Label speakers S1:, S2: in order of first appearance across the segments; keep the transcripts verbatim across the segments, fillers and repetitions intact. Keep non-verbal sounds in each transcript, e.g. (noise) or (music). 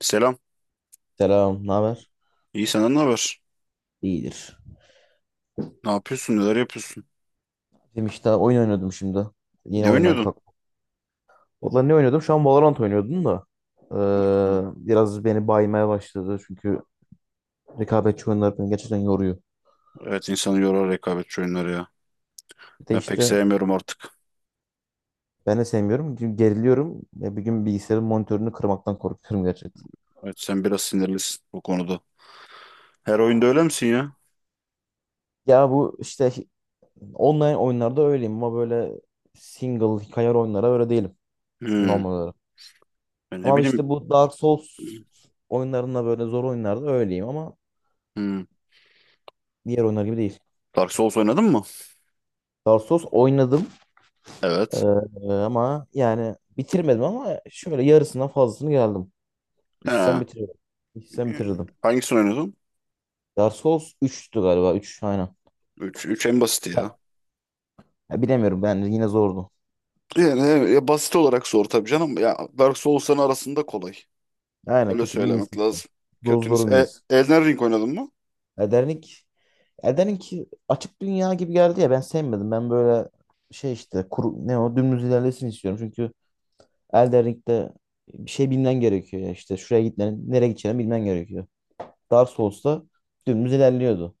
S1: Selam.
S2: Selam, ne haber?
S1: İyi senden ne haber?
S2: İyidir.
S1: Ne yapıyorsun? Neler yapıyorsun?
S2: Benim işte oyun oynuyordum şimdi. Yeni
S1: Ne
S2: oyundan
S1: oynuyordun?
S2: kalktım. Valla ne oynuyordum? Şu an Valorant oynuyordum da.
S1: Hı.
S2: Ee, biraz beni baymaya başladı. Çünkü rekabetçi oyunlar beni gerçekten yoruyor.
S1: Evet insanı yorar rekabetçi oyunları ya.
S2: Bir de
S1: Ben pek
S2: işte
S1: sevmiyorum artık.
S2: ben de sevmiyorum. Çünkü geriliyorum. Ve bir gün bilgisayarın monitörünü kırmaktan korkuyorum gerçekten.
S1: Evet sen biraz sinirlisin bu konuda. Her oyunda öyle misin ya?
S2: Ya bu işte online oyunlarda öyleyim ama böyle single hikaye oyunlara öyle değilim
S1: Hmm.
S2: normal olarak.
S1: Ben ne
S2: Ama
S1: bileyim.
S2: işte bu Dark Souls oyunlarında böyle zor oyunlarda öyleyim ama
S1: Hmm.
S2: diğer oyunlar gibi değil.
S1: Dark Souls oynadın mı?
S2: Darsos oynadım. Ee,
S1: Evet.
S2: ama yani bitirmedim ama şöyle yarısından fazlasını geldim. İçsem
S1: He.
S2: bitirirdim. İçsem bitirirdim.
S1: Hangisini oynadın?
S2: Dark Souls üçtü galiba üç aynen.
S1: Üç 3 en basiti
S2: Ha,
S1: ya.
S2: ya bilemiyorum ben yine zordu.
S1: Yani evet, ya basit olarak zor tabii canım. Ya Dark Souls'ların arasında kolay.
S2: Aynen
S1: Öyle
S2: kötünün iyisi
S1: söylemek
S2: işte.
S1: lazım. Kötünüz.
S2: Dozların
S1: E,
S2: iyisi.
S1: Elden Ring oynadın mı?
S2: Elden Ring, Elden Ring açık dünya gibi geldi ya ben sevmedim. Ben böyle şey işte kuru, ne o dümdüz ilerlesin istiyorum. Çünkü Elden Ring'de bir şey bilmen gerekiyor ya işte şuraya gitmen nereye gideceğini bilmen gerekiyor. Dark Souls'ta dümdüz ilerliyordu.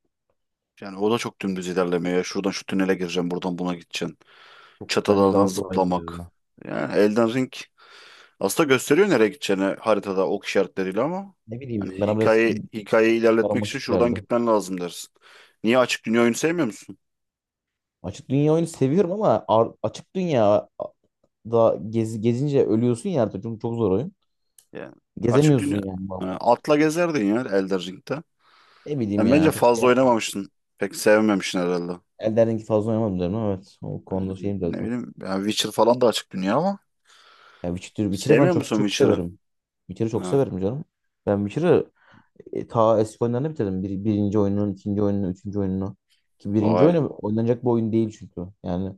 S1: Yani o da çok dümdüz ilerlemiyor ya. Şuradan şu tünele gireceksin, buradan buna gideceksin.
S2: Bence
S1: Çatılardan
S2: daha kolaydı
S1: zıplamak.
S2: ya.
S1: Yani Elden Ring aslında gösteriyor nereye gideceğini haritada ok işaretleriyle ama
S2: Ne
S1: hani
S2: bileyim bana biraz
S1: hikaye hikayeyi ilerletmek için
S2: karmaşık
S1: şuradan
S2: geldi.
S1: gitmen lazım dersin. Niye açık dünya oyunu sevmiyor musun?
S2: Açık dünya oyunu seviyorum ama ar- açık dünya da gez gezince ölüyorsun ya artık çünkü çok zor oyun.
S1: Yani açık
S2: Gezemiyorsun
S1: dünya.
S2: yani
S1: Ha,
S2: vallahi.
S1: atla gezerdin ya Elden Ring'de.
S2: Ne bileyim
S1: Sen bence
S2: ya çok şey
S1: fazla
S2: yapmadım.
S1: oynamamışsın. Pek sevmemişsin herhalde.
S2: Elden Ring'i fazla oynamadım derim ama evet. O
S1: Yani
S2: konuda şeyim biraz
S1: ne
S2: da.
S1: bileyim yani Witcher falan da açık dünya ama
S2: Ya Witcher, Witcher'ı falan
S1: sevmiyor
S2: çok
S1: musun
S2: çok
S1: Witcher'ı?
S2: severim. Witcher'ı çok
S1: Ha,
S2: severim canım. Ben Witcher'ı e, ta eski oyunlarını bitirdim. Bir, birinci oyunun, ikinci oyunun, üçüncü oyununu. Ki birinci
S1: vay.
S2: oyunu oynanacak bir oyun değil çünkü. Yani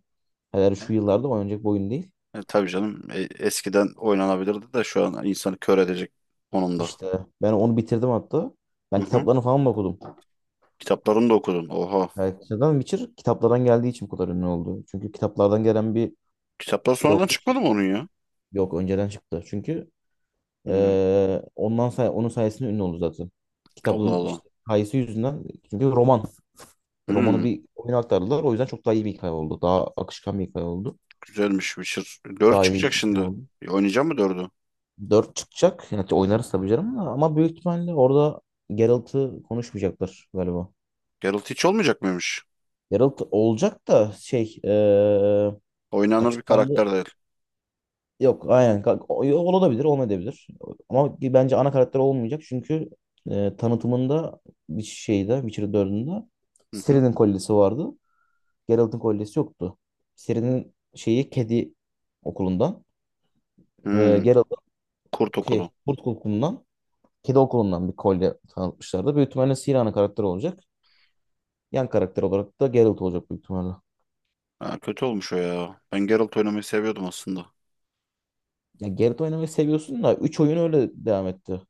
S2: hele şu yıllarda oynanacak bir oyun değil.
S1: E, tabii canım e, eskiden oynanabilirdi de şu an insanı kör edecek konumda.
S2: İşte ben onu bitirdim hatta.
S1: Hı
S2: Ben
S1: hı.
S2: kitaplarını falan mı okudum.
S1: Kitaplarını da okudun. Oha.
S2: Yani neden Witcher kitaplardan geldiği için bu kadar ünlü oldu. Çünkü kitaplardan gelen bir
S1: Kitaplar
S2: şey
S1: sonradan
S2: olduğu
S1: çıkmadı
S2: için.
S1: mı onun ya?
S2: Yok önceden çıktı. Çünkü
S1: Hmm.
S2: eee, ondan say onun sayesinde ünlü oldu zaten.
S1: Allah
S2: Kitabın
S1: Allah.
S2: işte hikayesi yüzünden. Çünkü roman. Romanı
S1: Hmm.
S2: bir oyuna aktardılar. O yüzden çok daha iyi bir hikaye oldu. Daha akışkan bir hikaye oldu.
S1: Güzelmiş Witcher. Dört
S2: Daha iyi bir
S1: çıkacak
S2: hikaye
S1: şimdi.
S2: oldu.
S1: E, oynayacak mı dördü?
S2: Dört çıkacak. Yani oynarız tabii canım da. Ama büyük ihtimalle orada Geralt'ı konuşmayacaklar galiba.
S1: Geralt hiç olmayacak mıymış?
S2: Geralt olacak da şey eee,
S1: Oynanır bir
S2: açıklandı.
S1: karakter değil.
S2: Yok aynen Ka- o- olabilir olmayabilir. Ama bence ana karakter olmayacak çünkü eee, tanıtımında bir şeyde Witcher dördünde
S1: Hı hı.
S2: Ciri'nin kolyesi vardı. Geralt'ın kolyesi yoktu. Ciri'nin şeyi kedi okulundan eee
S1: Hmm.
S2: Geralt'ın
S1: Kurt Okulu.
S2: şey, kurt okulundan kedi okulundan bir kolye tanıtmışlardı. Büyük ihtimalle Ciri ana karakter olacak. Yan karakter olarak da Geralt olacak büyük ihtimalle.
S1: Ha, kötü olmuş o ya. Ben Geralt oynamayı seviyordum aslında.
S2: Ya Geralt oynamayı seviyorsun da üç oyun öyle devam etti.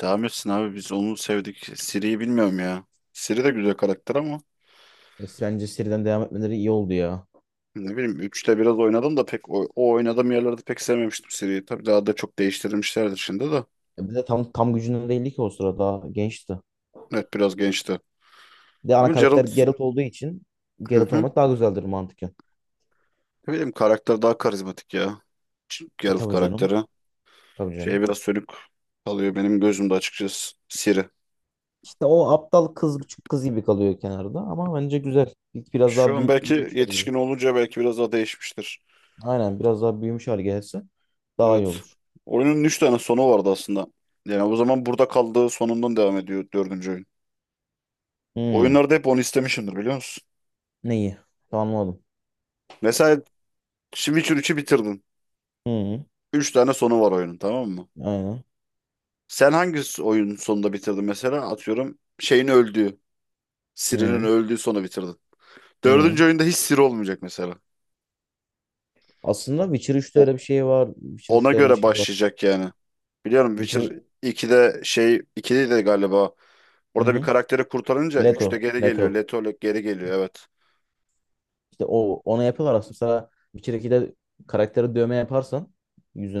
S1: Devam etsin abi, biz onu sevdik. Ciri'yi bilmiyorum ya. Ciri de güzel karakter ama.
S2: E, bence seriden devam etmeleri iyi oldu ya.
S1: Ne bileyim üçte biraz oynadım da pek o, o oynadığım yerlerde pek sevmemiştim seriyi. Tabii daha da çok değiştirilmişlerdir şimdi de.
S2: E, bir de tam tam gücünde değildi ki o sırada. Daha gençti.
S1: Evet biraz gençti.
S2: Bir de ana
S1: Ama
S2: karakter
S1: Geralt,
S2: Geralt olduğu için
S1: hı
S2: Geralt
S1: hı.
S2: oynamak daha güzeldir mantıken.
S1: Ne bileyim karakter daha karizmatik ya.
S2: E,
S1: Geralt
S2: tabii canım.
S1: karakteri.
S2: Tabii
S1: Şey
S2: canım.
S1: biraz sönük kalıyor benim gözümde açıkçası Siri.
S2: İşte o aptal kız küçük kız gibi kalıyor kenarda ama bence güzel. Bir- Biraz
S1: Şu
S2: daha
S1: an
S2: büyü-
S1: belki
S2: büyümüş hale
S1: yetişkin
S2: gelir.
S1: olunca belki biraz daha değişmiştir.
S2: Aynen biraz daha büyümüş hale gelirse daha iyi
S1: Evet.
S2: olur.
S1: Oyunun üç tane sonu vardı aslında. Yani o zaman burada kaldığı sonundan devam ediyor dördüncü oyun.
S2: Hmm.
S1: Oyunlarda hep onu istemişimdir biliyor musun?
S2: Neyi? Tamam, anladım.
S1: Mesela Witcher üçü bitirdin.
S2: Hmm.
S1: Üç tane sonu var oyunun, tamam mı?
S2: Aynen.
S1: Sen hangi oyun sonunda bitirdin mesela? Atıyorum şeyin öldüğü, Siri'nin
S2: Hmm.
S1: öldüğü sonu bitirdin. Dördüncü
S2: Hmm.
S1: oyunda hiç Siri olmayacak mesela.
S2: Aslında Witcher üçte
S1: O,
S2: öyle bir şey var. Witcher
S1: ona
S2: üçte öyle bir
S1: göre
S2: şey var.
S1: başlayacak yani. Biliyorum
S2: Witcher...
S1: Witcher ikide şey ikide de galiba.
S2: Hı
S1: Orada bir
S2: hı.
S1: karakteri kurtarınca üçte
S2: Leto.
S1: geri geliyor.
S2: Leto.
S1: Letolek geri geliyor evet.
S2: İşte o ona yapıyorlar aslında. Mesela Witcher ikide karaktere dövme yaparsan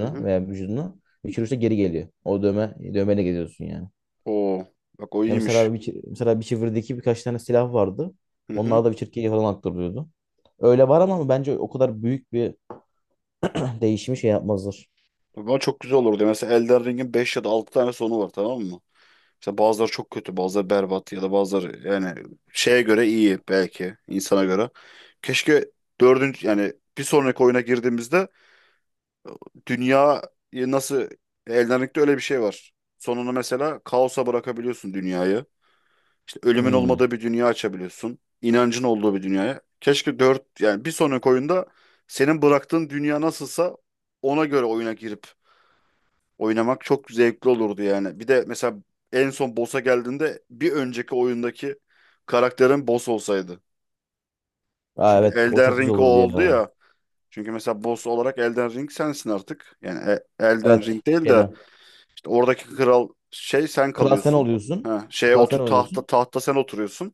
S1: Hı hı.
S2: veya vücuduna Witcher üçte geri geliyor. O dövme dövmeyle geziyorsun yani.
S1: Oo, bak o
S2: Ya
S1: iyiymiş.
S2: mesela Witcher, mesela Witcher'daki birkaç tane silah vardı.
S1: Hı hı.
S2: Onlar da Witcher ikiye falan aktarılıyordu. Öyle var ama bence o kadar büyük bir (clears throat) değişimi şey yapmazlar.
S1: Ama çok güzel olurdu. Mesela Elden Ring'in beş ya da altı tane sonu var, tamam mı? İşte bazıları çok kötü, bazıları berbat ya da bazıları yani şeye göre iyi belki insana göre. Keşke dördüncü yani bir sonraki oyuna girdiğimizde dünyayı nasıl, Elden Ring'de öyle bir şey var. Sonunu mesela kaosa bırakabiliyorsun dünyayı. İşte ölümün
S2: Hmm.
S1: olmadığı bir dünya açabiliyorsun. İnancın olduğu bir dünyaya. Keşke dört yani bir sonraki oyunda senin bıraktığın dünya nasılsa ona göre oyuna girip oynamak çok zevkli olurdu yani. Bir de mesela en son boss'a geldiğinde bir önceki oyundaki karakterin boss olsaydı.
S2: Aa,
S1: Çünkü
S2: evet o
S1: Elden
S2: çok güzel
S1: Ring o
S2: olurdu
S1: oldu
S2: ya.
S1: ya. Çünkü mesela boss olarak Elden Ring sensin artık. Yani e- Elden
S2: Evet
S1: Ring değil
S2: şeyde.
S1: de işte oradaki kral şey sen
S2: Kral sen
S1: kalıyorsun.
S2: oluyorsun.
S1: Ha, şeye
S2: Kral sen
S1: otur, tahta
S2: oluyorsun.
S1: tahta sen oturuyorsun.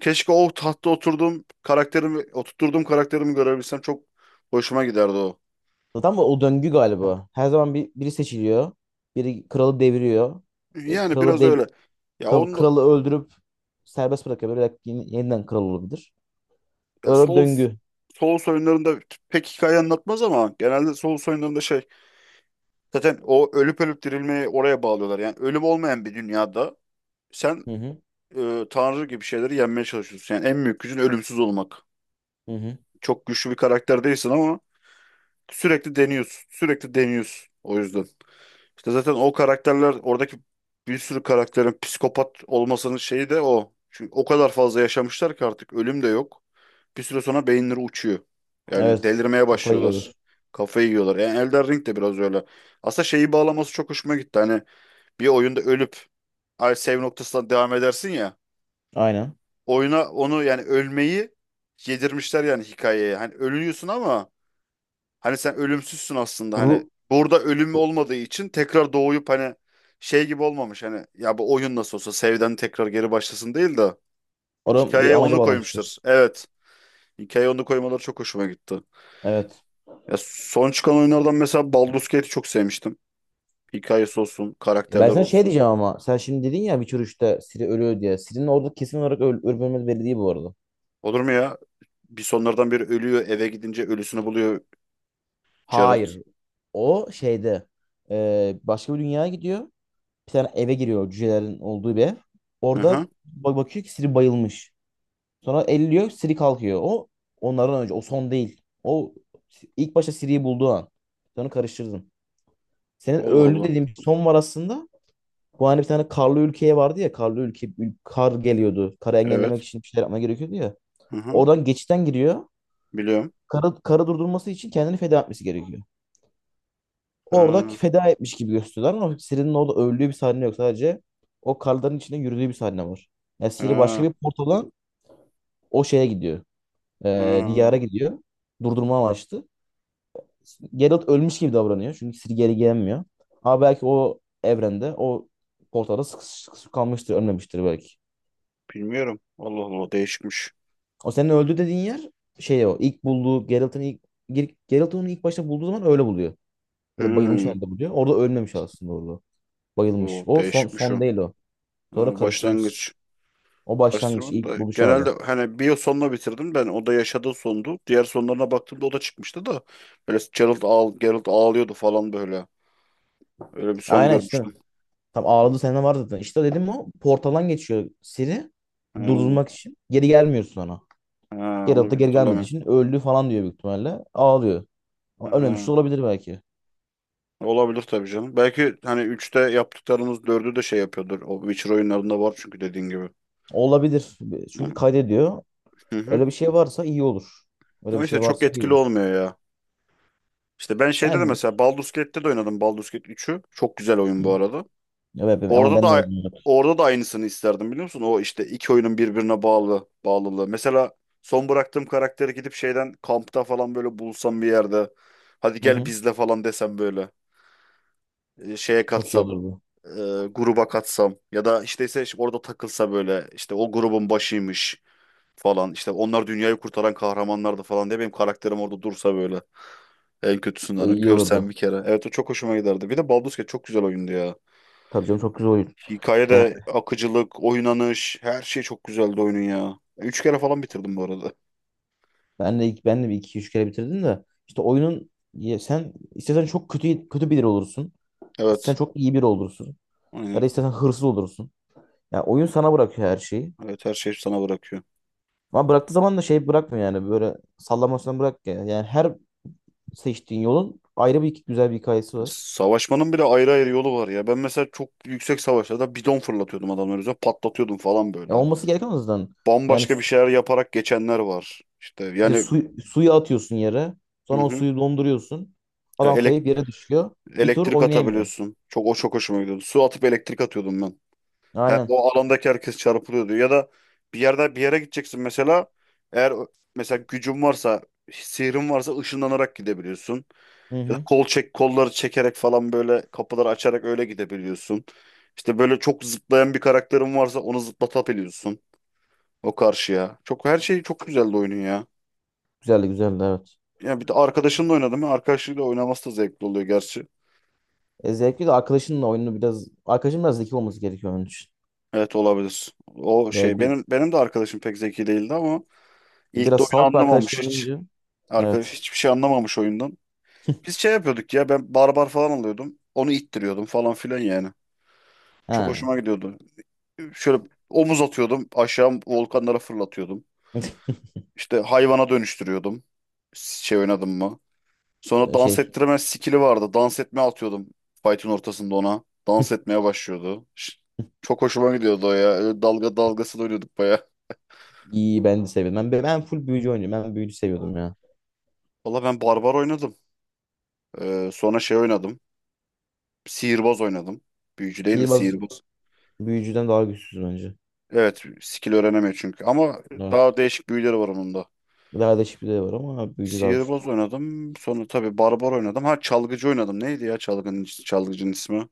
S1: Keşke o tahtta oturduğum karakterimi oturttuğum karakterimi görebilsem, çok hoşuma giderdi o.
S2: Zaten bu o döngü galiba. Her zaman bir, biri seçiliyor. Biri kralı deviriyor. E,
S1: Yani
S2: kralı
S1: biraz
S2: deviriyor
S1: öyle. Ya
S2: Ka-
S1: onu.
S2: Kralı öldürüp serbest bırakabilir. Belki yeni- yeniden kral olabilir.
S1: Ya
S2: Böyle bir
S1: Souls
S2: döngü.
S1: Souls oyunlarında pek hikaye anlatmaz ama genelde Souls oyunlarında şey, zaten o ölüp ölüp dirilmeyi oraya bağlıyorlar. Yani ölüm olmayan bir dünyada sen
S2: Hı hı.
S1: e, tanrı gibi şeyleri yenmeye çalışıyorsun. Yani en büyük gücün ölümsüz olmak.
S2: Hı hı.
S1: Çok güçlü bir karakter değilsin ama sürekli deniyorsun. Sürekli deniyorsun o yüzden. İşte zaten o karakterler oradaki bir sürü karakterin psikopat olmasının şeyi de o. Çünkü o kadar fazla yaşamışlar ki artık ölüm de yok. Bir süre sonra beyinleri uçuyor. Yani
S2: Evet.
S1: delirmeye
S2: Kafayı
S1: başlıyorlar.
S2: yiyorlar.
S1: Kafayı yiyorlar. Yani Elden Ring de biraz öyle. Aslında şeyi bağlaması çok hoşuma gitti. Hani bir oyunda ölüp ay save noktasından devam edersin ya.
S2: Aynen.
S1: Oyuna onu yani ölmeyi yedirmişler yani hikayeye. Hani ölüyorsun ama hani sen ölümsüzsün aslında, hani
S2: Ru
S1: burada ölüm olmadığı için tekrar doğuyup hani şey gibi olmamış, hani ya bu oyun nasıl olsa Save'den tekrar geri başlasın değil de
S2: Oran bir
S1: hikayeye
S2: amaca
S1: onu
S2: bağlamıştır.
S1: koymuştur. Evet. Hikayeye onu koymaları çok hoşuma gitti.
S2: Evet.
S1: Ya son çıkan oyunlardan mesela Baldur's Gate'i çok sevmiştim. Hikayesi olsun,
S2: E, ben
S1: karakterler
S2: sana şey
S1: olsun.
S2: diyeceğim ama sen şimdi dedin ya Witcher üçte Ciri ölüyor diye. Ciri'nin orada kesin olarak öl ölüp ölmediği belli değil bu arada.
S1: Olur mu ya? Bir sonlardan biri ölüyor, eve gidince ölüsünü buluyor Geralt.
S2: Hayır. O şeyde e, başka bir dünyaya gidiyor. Bir tane eve giriyor cücelerin olduğu bir ev.
S1: Hı
S2: Orada
S1: hı.
S2: bak bakıyor ki Ciri bayılmış. Sonra elliyor Siri kalkıyor. O onlardan önce. O son değil. O ilk başta Siri'yi bulduğu an. Sonra karıştırdın. Senin
S1: Allah
S2: öldü
S1: Allah.
S2: dediğim son var aslında. Bu hani bir tane karlı ülkeye vardı ya. Karlı ülke kar geliyordu. Karı engellemek
S1: Evet.
S2: için bir şeyler yapma gerekiyordu ya.
S1: Hı hı.
S2: Oradan geçitten giriyor.
S1: Biliyorum.
S2: Karı, karı durdurması için kendini feda etmesi gerekiyor. Orada
S1: Ha,
S2: feda etmiş gibi gösteriyorlar ama Siri'nin orada öldüğü bir sahne yok. Sadece o karların içinde yürüdüğü bir sahne var. Yani Siri başka
S1: ha,
S2: bir portaldan o şeye gidiyor. Ee, diyara
S1: ha.
S2: gidiyor. Durdurma amaçlı. Geralt ölmüş gibi davranıyor. Çünkü Ciri geri gelmiyor. Ama belki o evrende o portalda sıkışıp sıkışıp kalmıştır. Ölmemiştir belki.
S1: Bilmiyorum. Allah Allah, değişikmiş.
S2: O senin öldü dediğin yer şey o. ilk bulduğu Geralt'ın ilk Ger- Geralt onu ilk başta bulduğu zaman öyle buluyor. Böyle bayılmış
S1: Hmm.
S2: halde buluyor. Orada ölmemiş aslında orada. Bayılmış.
S1: O
S2: O son
S1: değişikmiş o.
S2: son değil o. Sonra
S1: Ha,
S2: karıştırmış.
S1: başlangıç.
S2: O başlangıç
S1: Karıştırmanın
S2: ilk
S1: da
S2: buluş
S1: genelde
S2: anı.
S1: hani, bir yıl sonuna bitirdim ben. O da yaşadığı sondu. Diğer sonlarına baktığımda o da çıkmıştı da. Böyle Gerald, ağl Gerald ağlıyordu falan böyle. Öyle bir son
S2: Aynen işte.
S1: görmüştüm.
S2: Tam ağladı sene var zaten. İşte dedim o portaldan geçiyor Siri
S1: Ha,
S2: durdurmak için. Geri gelmiyor sonra.
S1: ha,
S2: Geralt da
S1: onu bir
S2: geri gelmediği
S1: hatırlamıyorum.
S2: için öldü falan diyor büyük ihtimalle. Ağlıyor. Ama ölmemiş de
S1: Ha,
S2: olabilir belki.
S1: olabilir tabii canım. Belki hani üçte yaptıklarımız dördü de şey yapıyordur. O Witcher oyunlarında var çünkü, dediğin gibi.
S2: Olabilir. Çünkü
S1: Ama,
S2: kaydediyor.
S1: hı hı.
S2: Öyle bir şey varsa iyi olur. Öyle bir
S1: Ama işte
S2: şey
S1: çok
S2: varsa iyi
S1: etkili
S2: olur.
S1: olmuyor ya. İşte ben şeyde de
S2: Yani
S1: mesela Baldur's Gate'te de oynadım. Baldur's Gate üçü, çok güzel oyun bu
S2: hı,
S1: arada.
S2: evet, ben ama
S1: Orada
S2: ben de öyle
S1: da
S2: düşünüyorum.
S1: orada da aynısını isterdim biliyor musun? O işte iki oyunun birbirine bağlı bağlılığı. Mesela son bıraktığım karakteri gidip şeyden kampta falan böyle bulsam bir yerde. Hadi
S2: Hı
S1: gel
S2: hı.
S1: bizle falan desem böyle. E, Şeye
S2: Çok iyi
S1: katsam.
S2: olurdu.
S1: e, Gruba katsam. Ya da işte ise orada takılsa böyle, işte o grubun başıymış falan. İşte onlar dünyayı kurtaran kahramanlardı falan diye benim karakterim orada dursa böyle. En kötüsünden
S2: İyi
S1: görsen
S2: olurdu.
S1: bir kere. Evet, o çok hoşuma giderdi. Bir de Baldur's Gate çok güzel oyundu ya.
S2: Tabii canım çok güzel oyun.
S1: Hikaye
S2: Ya
S1: de, akıcılık, oynanış, her şey çok güzeldi oyunun ya. Üç kere falan bitirdim bu arada.
S2: ben de ben de bir iki üç kere bitirdim de işte oyunun ya sen istesen çok kötü kötü biri olursun. İstesen
S1: Evet.
S2: çok iyi biri olursun. Ya
S1: Aynen.
S2: da istesen hırsız olursun. Ya oyun sana bırakıyor her şeyi.
S1: Evet her şey sana bırakıyor.
S2: Ama bıraktığı zaman da şey bırakmıyor yani böyle sallamasına bırak ya. Yani her seçtiğin yolun ayrı bir güzel bir hikayesi var.
S1: Savaşmanın bile ayrı ayrı yolu var ya. Ben mesela çok yüksek savaşlarda bidon fırlatıyordum adamların üzerine. Patlatıyordum falan
S2: Ya
S1: böyle.
S2: olması gereken o yüzden. Yani
S1: Bambaşka bir
S2: su,
S1: şeyler yaparak geçenler var. İşte
S2: işte
S1: yani,
S2: su- suyu atıyorsun yere.
S1: hı
S2: Sonra o
S1: hı.
S2: suyu donduruyorsun.
S1: e,
S2: Adam
S1: Elek-
S2: kayıp yere düşüyor. Bir tur
S1: elektrik
S2: oynayamıyor.
S1: atabiliyorsun. Çok o çok hoşuma gidiyordu. Su atıp elektrik atıyordum ben. He,
S2: Aynen.
S1: o alandaki herkes çarpılıyor diyor. Ya da bir yerde bir yere gideceksin mesela. Eğer ö- mesela gücün varsa, sihrin varsa ışınlanarak gidebiliyorsun.
S2: Hı
S1: Ya da
S2: hı.
S1: kol çek, kolları çekerek falan, böyle kapıları açarak öyle gidebiliyorsun. İşte böyle çok zıplayan bir karakterin varsa onu zıplatabiliyorsun o karşıya. Çok her şey çok güzeldi oyunun ya.
S2: Güzeldi güzeldi evet.
S1: Ya bir de arkadaşınla oynadım ben. Arkadaşıyla oynaması da zevkli oluyor gerçi.
S2: E, zevkli de arkadaşınla oyunu biraz arkadaşın biraz zeki olması gerekiyor onun için.
S1: Evet olabilir. O
S2: E,
S1: şey,
S2: bir,
S1: benim benim de arkadaşım pek zeki değildi ama ilk de
S2: biraz
S1: oyunu
S2: salak bir
S1: anlamamış
S2: arkadaşla
S1: hiç.
S2: oynayınca
S1: Arkadaş
S2: evet.
S1: hiçbir şey anlamamış oyundan. Biz şey yapıyorduk ya, ben barbar falan alıyordum. Onu ittiriyordum falan filan yani. Çok
S2: Ha.
S1: hoşuma gidiyordu. Şöyle omuz atıyordum, aşağı volkanlara fırlatıyordum.
S2: (laughs)
S1: İşte hayvana dönüştürüyordum. Şey oynadım mı? Sonra dans
S2: Şey
S1: ettirme skill'i vardı. Dans etme atıyordum fight'in ortasında ona. Dans etmeye başlıyordu. Ş- Çok hoşuma gidiyordu o ya. Öyle dalga dalgasını oynuyorduk baya.
S2: iyi ben de seviyorum. Ben, ben full büyücü oynuyorum. Ben büyücü seviyordum ya.
S1: Valla ben barbar oynadım. Ee, sonra şey oynadım. Sihirbaz oynadım. Büyücü değil de
S2: Sihirbaz
S1: sihirbaz.
S2: büyücüden daha güçsüz bence.
S1: Evet, skill öğrenemiyor çünkü. Ama
S2: Evet.
S1: daha değişik büyüleri var onun da.
S2: Lale şifre var ama büyücü daha güçlü.
S1: Sihirbaz oynadım. Sonra tabii barbar oynadım. Ha, çalgıcı oynadım. Neydi ya çalgının, çalgıcının ismi?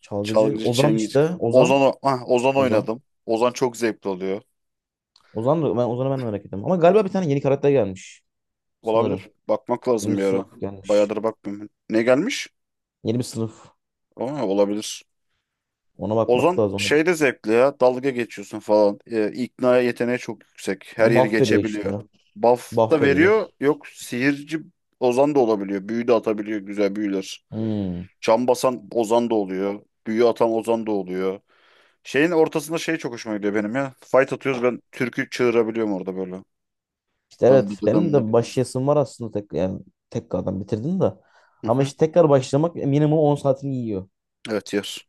S2: Çalgıcı
S1: Çalgıcı
S2: Ozan
S1: Çengiz.
S2: işte.
S1: Ozan,
S2: Ozan.
S1: o- ah, Ozan
S2: Ozan.
S1: oynadım. Ozan çok zevkli oluyor.
S2: Ozan da ben Ozan'ı ben de merak ettim. Ama galiba bir tane yeni karakter gelmiş.
S1: Olabilir.
S2: Sanırım.
S1: Bakmak
S2: Yeni bir
S1: lazım bir ara.
S2: sınıf gelmiş.
S1: Bayağıdır bakmıyorum. Ne gelmiş?
S2: Yeni bir sınıf.
S1: Aa, olabilir.
S2: Ona bakmak
S1: Ozan
S2: lazım.
S1: şey de zevkli ya. Dalga geçiyorsun falan. Ee, ikna yeteneği çok yüksek. Her
S2: Yani
S1: yeri
S2: buff veriyor işte.
S1: geçebiliyor. Buff
S2: Buff
S1: da veriyor.
S2: veriyor.
S1: Yok, sihirci Ozan da olabiliyor. Büyü de atabiliyor. Güzel büyüler.
S2: Hmm.
S1: Çam basan Ozan da oluyor. Büyü atan Ozan da oluyor. Şeyin ortasında şey çok hoşuma gidiyor benim ya. Fight atıyoruz, ben türkü çığırabiliyorum orada böyle.
S2: İşte evet
S1: Dandıgı
S2: benim
S1: dandıgı.
S2: de başlayasım var aslında tek yani tekrardan bitirdim de.
S1: Hı
S2: Ama
S1: hı.
S2: işte tekrar başlamak minimum on saatini yiyor.
S1: Evet, yer.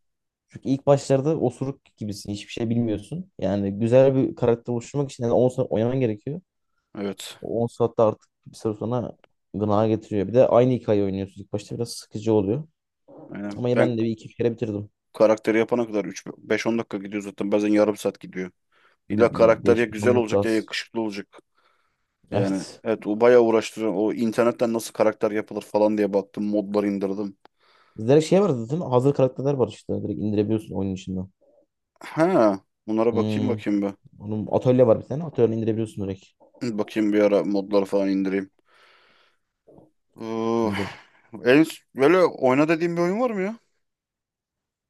S2: İlk başlarda osuruk gibisin. Hiçbir şey bilmiyorsun. Yani güzel bir karakter oluşturmak için yani on saat oynaman gerekiyor.
S1: Evet.
S2: O on saatte artık bir süre sonra gına getiriyor. Bir de aynı hikayeyi oynuyorsun. İlk başta biraz sıkıcı oluyor.
S1: Aynen.
S2: Ama ben
S1: Ben
S2: de bir iki kere bitirdim.
S1: karakteri yapana kadar üç beş on dakika gidiyor zaten. Bazen yarım saat gidiyor.
S2: Bir
S1: İlla
S2: bir
S1: karakter ya
S2: beş beş
S1: güzel
S2: on dakika
S1: olacak ya
S2: az.
S1: yakışıklı olacak. Yani
S2: Evet.
S1: evet, o bayağı uğraştırıyor. O internetten nasıl karakter yapılır falan diye baktım. Modlar indirdim.
S2: Direkt şey var zaten. Hazır karakterler var işte. Direkt indirebiliyorsun oyunun içinden.
S1: Ha, bunlara bakayım
S2: Hmm.
S1: bakayım bir. (clears throat)
S2: Onun atölye var bir tane. Atölye indirebiliyorsun direkt.
S1: Hı, bakayım bir ara modları falan indireyim. Uh,
S2: İndir.
S1: en, böyle oyna dediğim bir oyun var mı ya?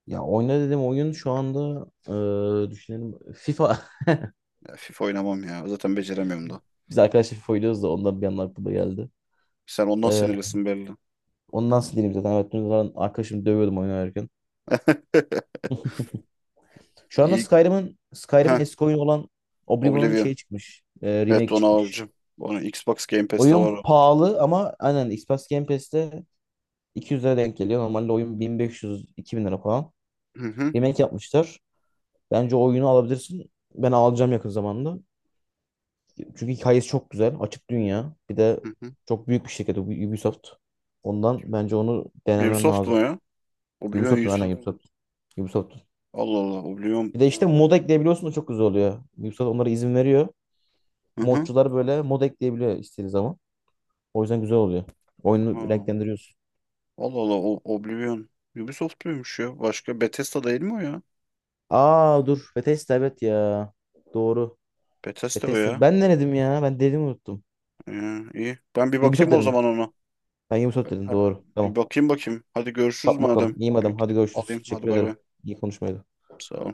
S2: Ya oyna dedim oyun şu anda eee, düşünelim FIFA.
S1: Ya FIFA oynamam ya. Zaten beceremiyorum da.
S2: (laughs) Biz arkadaşlar FIFA oynuyoruz da ondan bir anda aklıma geldi.
S1: Sen ondan sinirlisin belli.
S2: Ondan sildim zaten. Evet, dün zaten arkadaşımı dövüyordum oyun oynarken.
S1: (laughs)
S2: Şu anda
S1: İyi.
S2: Skyrim'in Skyrim'in
S1: Heh,
S2: eski oyunu olan Oblivion'un
S1: Oblivion.
S2: şey çıkmış. e,
S1: Evet
S2: remake
S1: onu
S2: çıkmış.
S1: alacağım. Onu Xbox Game Pass'te var
S2: Oyun
S1: o.
S2: pahalı ama aynen Xbox Game Pass'te iki yüz lira denk geliyor. Normalde oyun bin beş yüz-iki bin lira falan.
S1: Hı hı.
S2: Remake yapmışlar. Bence o oyunu alabilirsin. Ben alacağım yakın zamanda. Çünkü hikayesi çok güzel. Açık dünya. Bir de
S1: Hı hı.
S2: çok büyük bir şirket Ubisoft. Ondan bence onu denemen
S1: Ubisoft mu
S2: lazım.
S1: ya? Oblivion
S2: Ubisoft'un aynen.
S1: Yusuf.
S2: Hmm. Ubisoft. Ubisoft.
S1: Allah Allah. Oblivion.
S2: Bir de işte mod ekleyebiliyorsun da çok güzel oluyor. Ubisoft onlara izin veriyor.
S1: Hı hı.
S2: Modcular böyle mod ekleyebiliyor istediği zaman. O yüzden güzel oluyor. Oyunu
S1: Aa.
S2: renklendiriyorsun.
S1: Allah Allah, o Oblivion Ubisoft muymuş ya? Başka, Bethesda değil mi o ya?
S2: Aa dur. Bethesda evet ya. Doğru.
S1: Bethesda o
S2: Bethesda.
S1: ya.
S2: Ben ne dedim ya? Ben dediğimi unuttum.
S1: Ee, iyi. Ben bir
S2: Ubisoft
S1: bakayım o
S2: dedim.
S1: zaman ona.
S2: Ben Ubisoft dedim.
S1: Ha,
S2: Doğru.
S1: bir
S2: Tamam.
S1: bakayım bakayım. Hadi görüşürüz
S2: Bak bakalım.
S1: madem.
S2: İyiyim
S1: Bir
S2: adam.
S1: gidip
S2: Hadi görüşürüz.
S1: alayım. Hadi
S2: Teşekkür
S1: bay bay.
S2: ederim. İyi konuşmaydı.
S1: Sağ ol.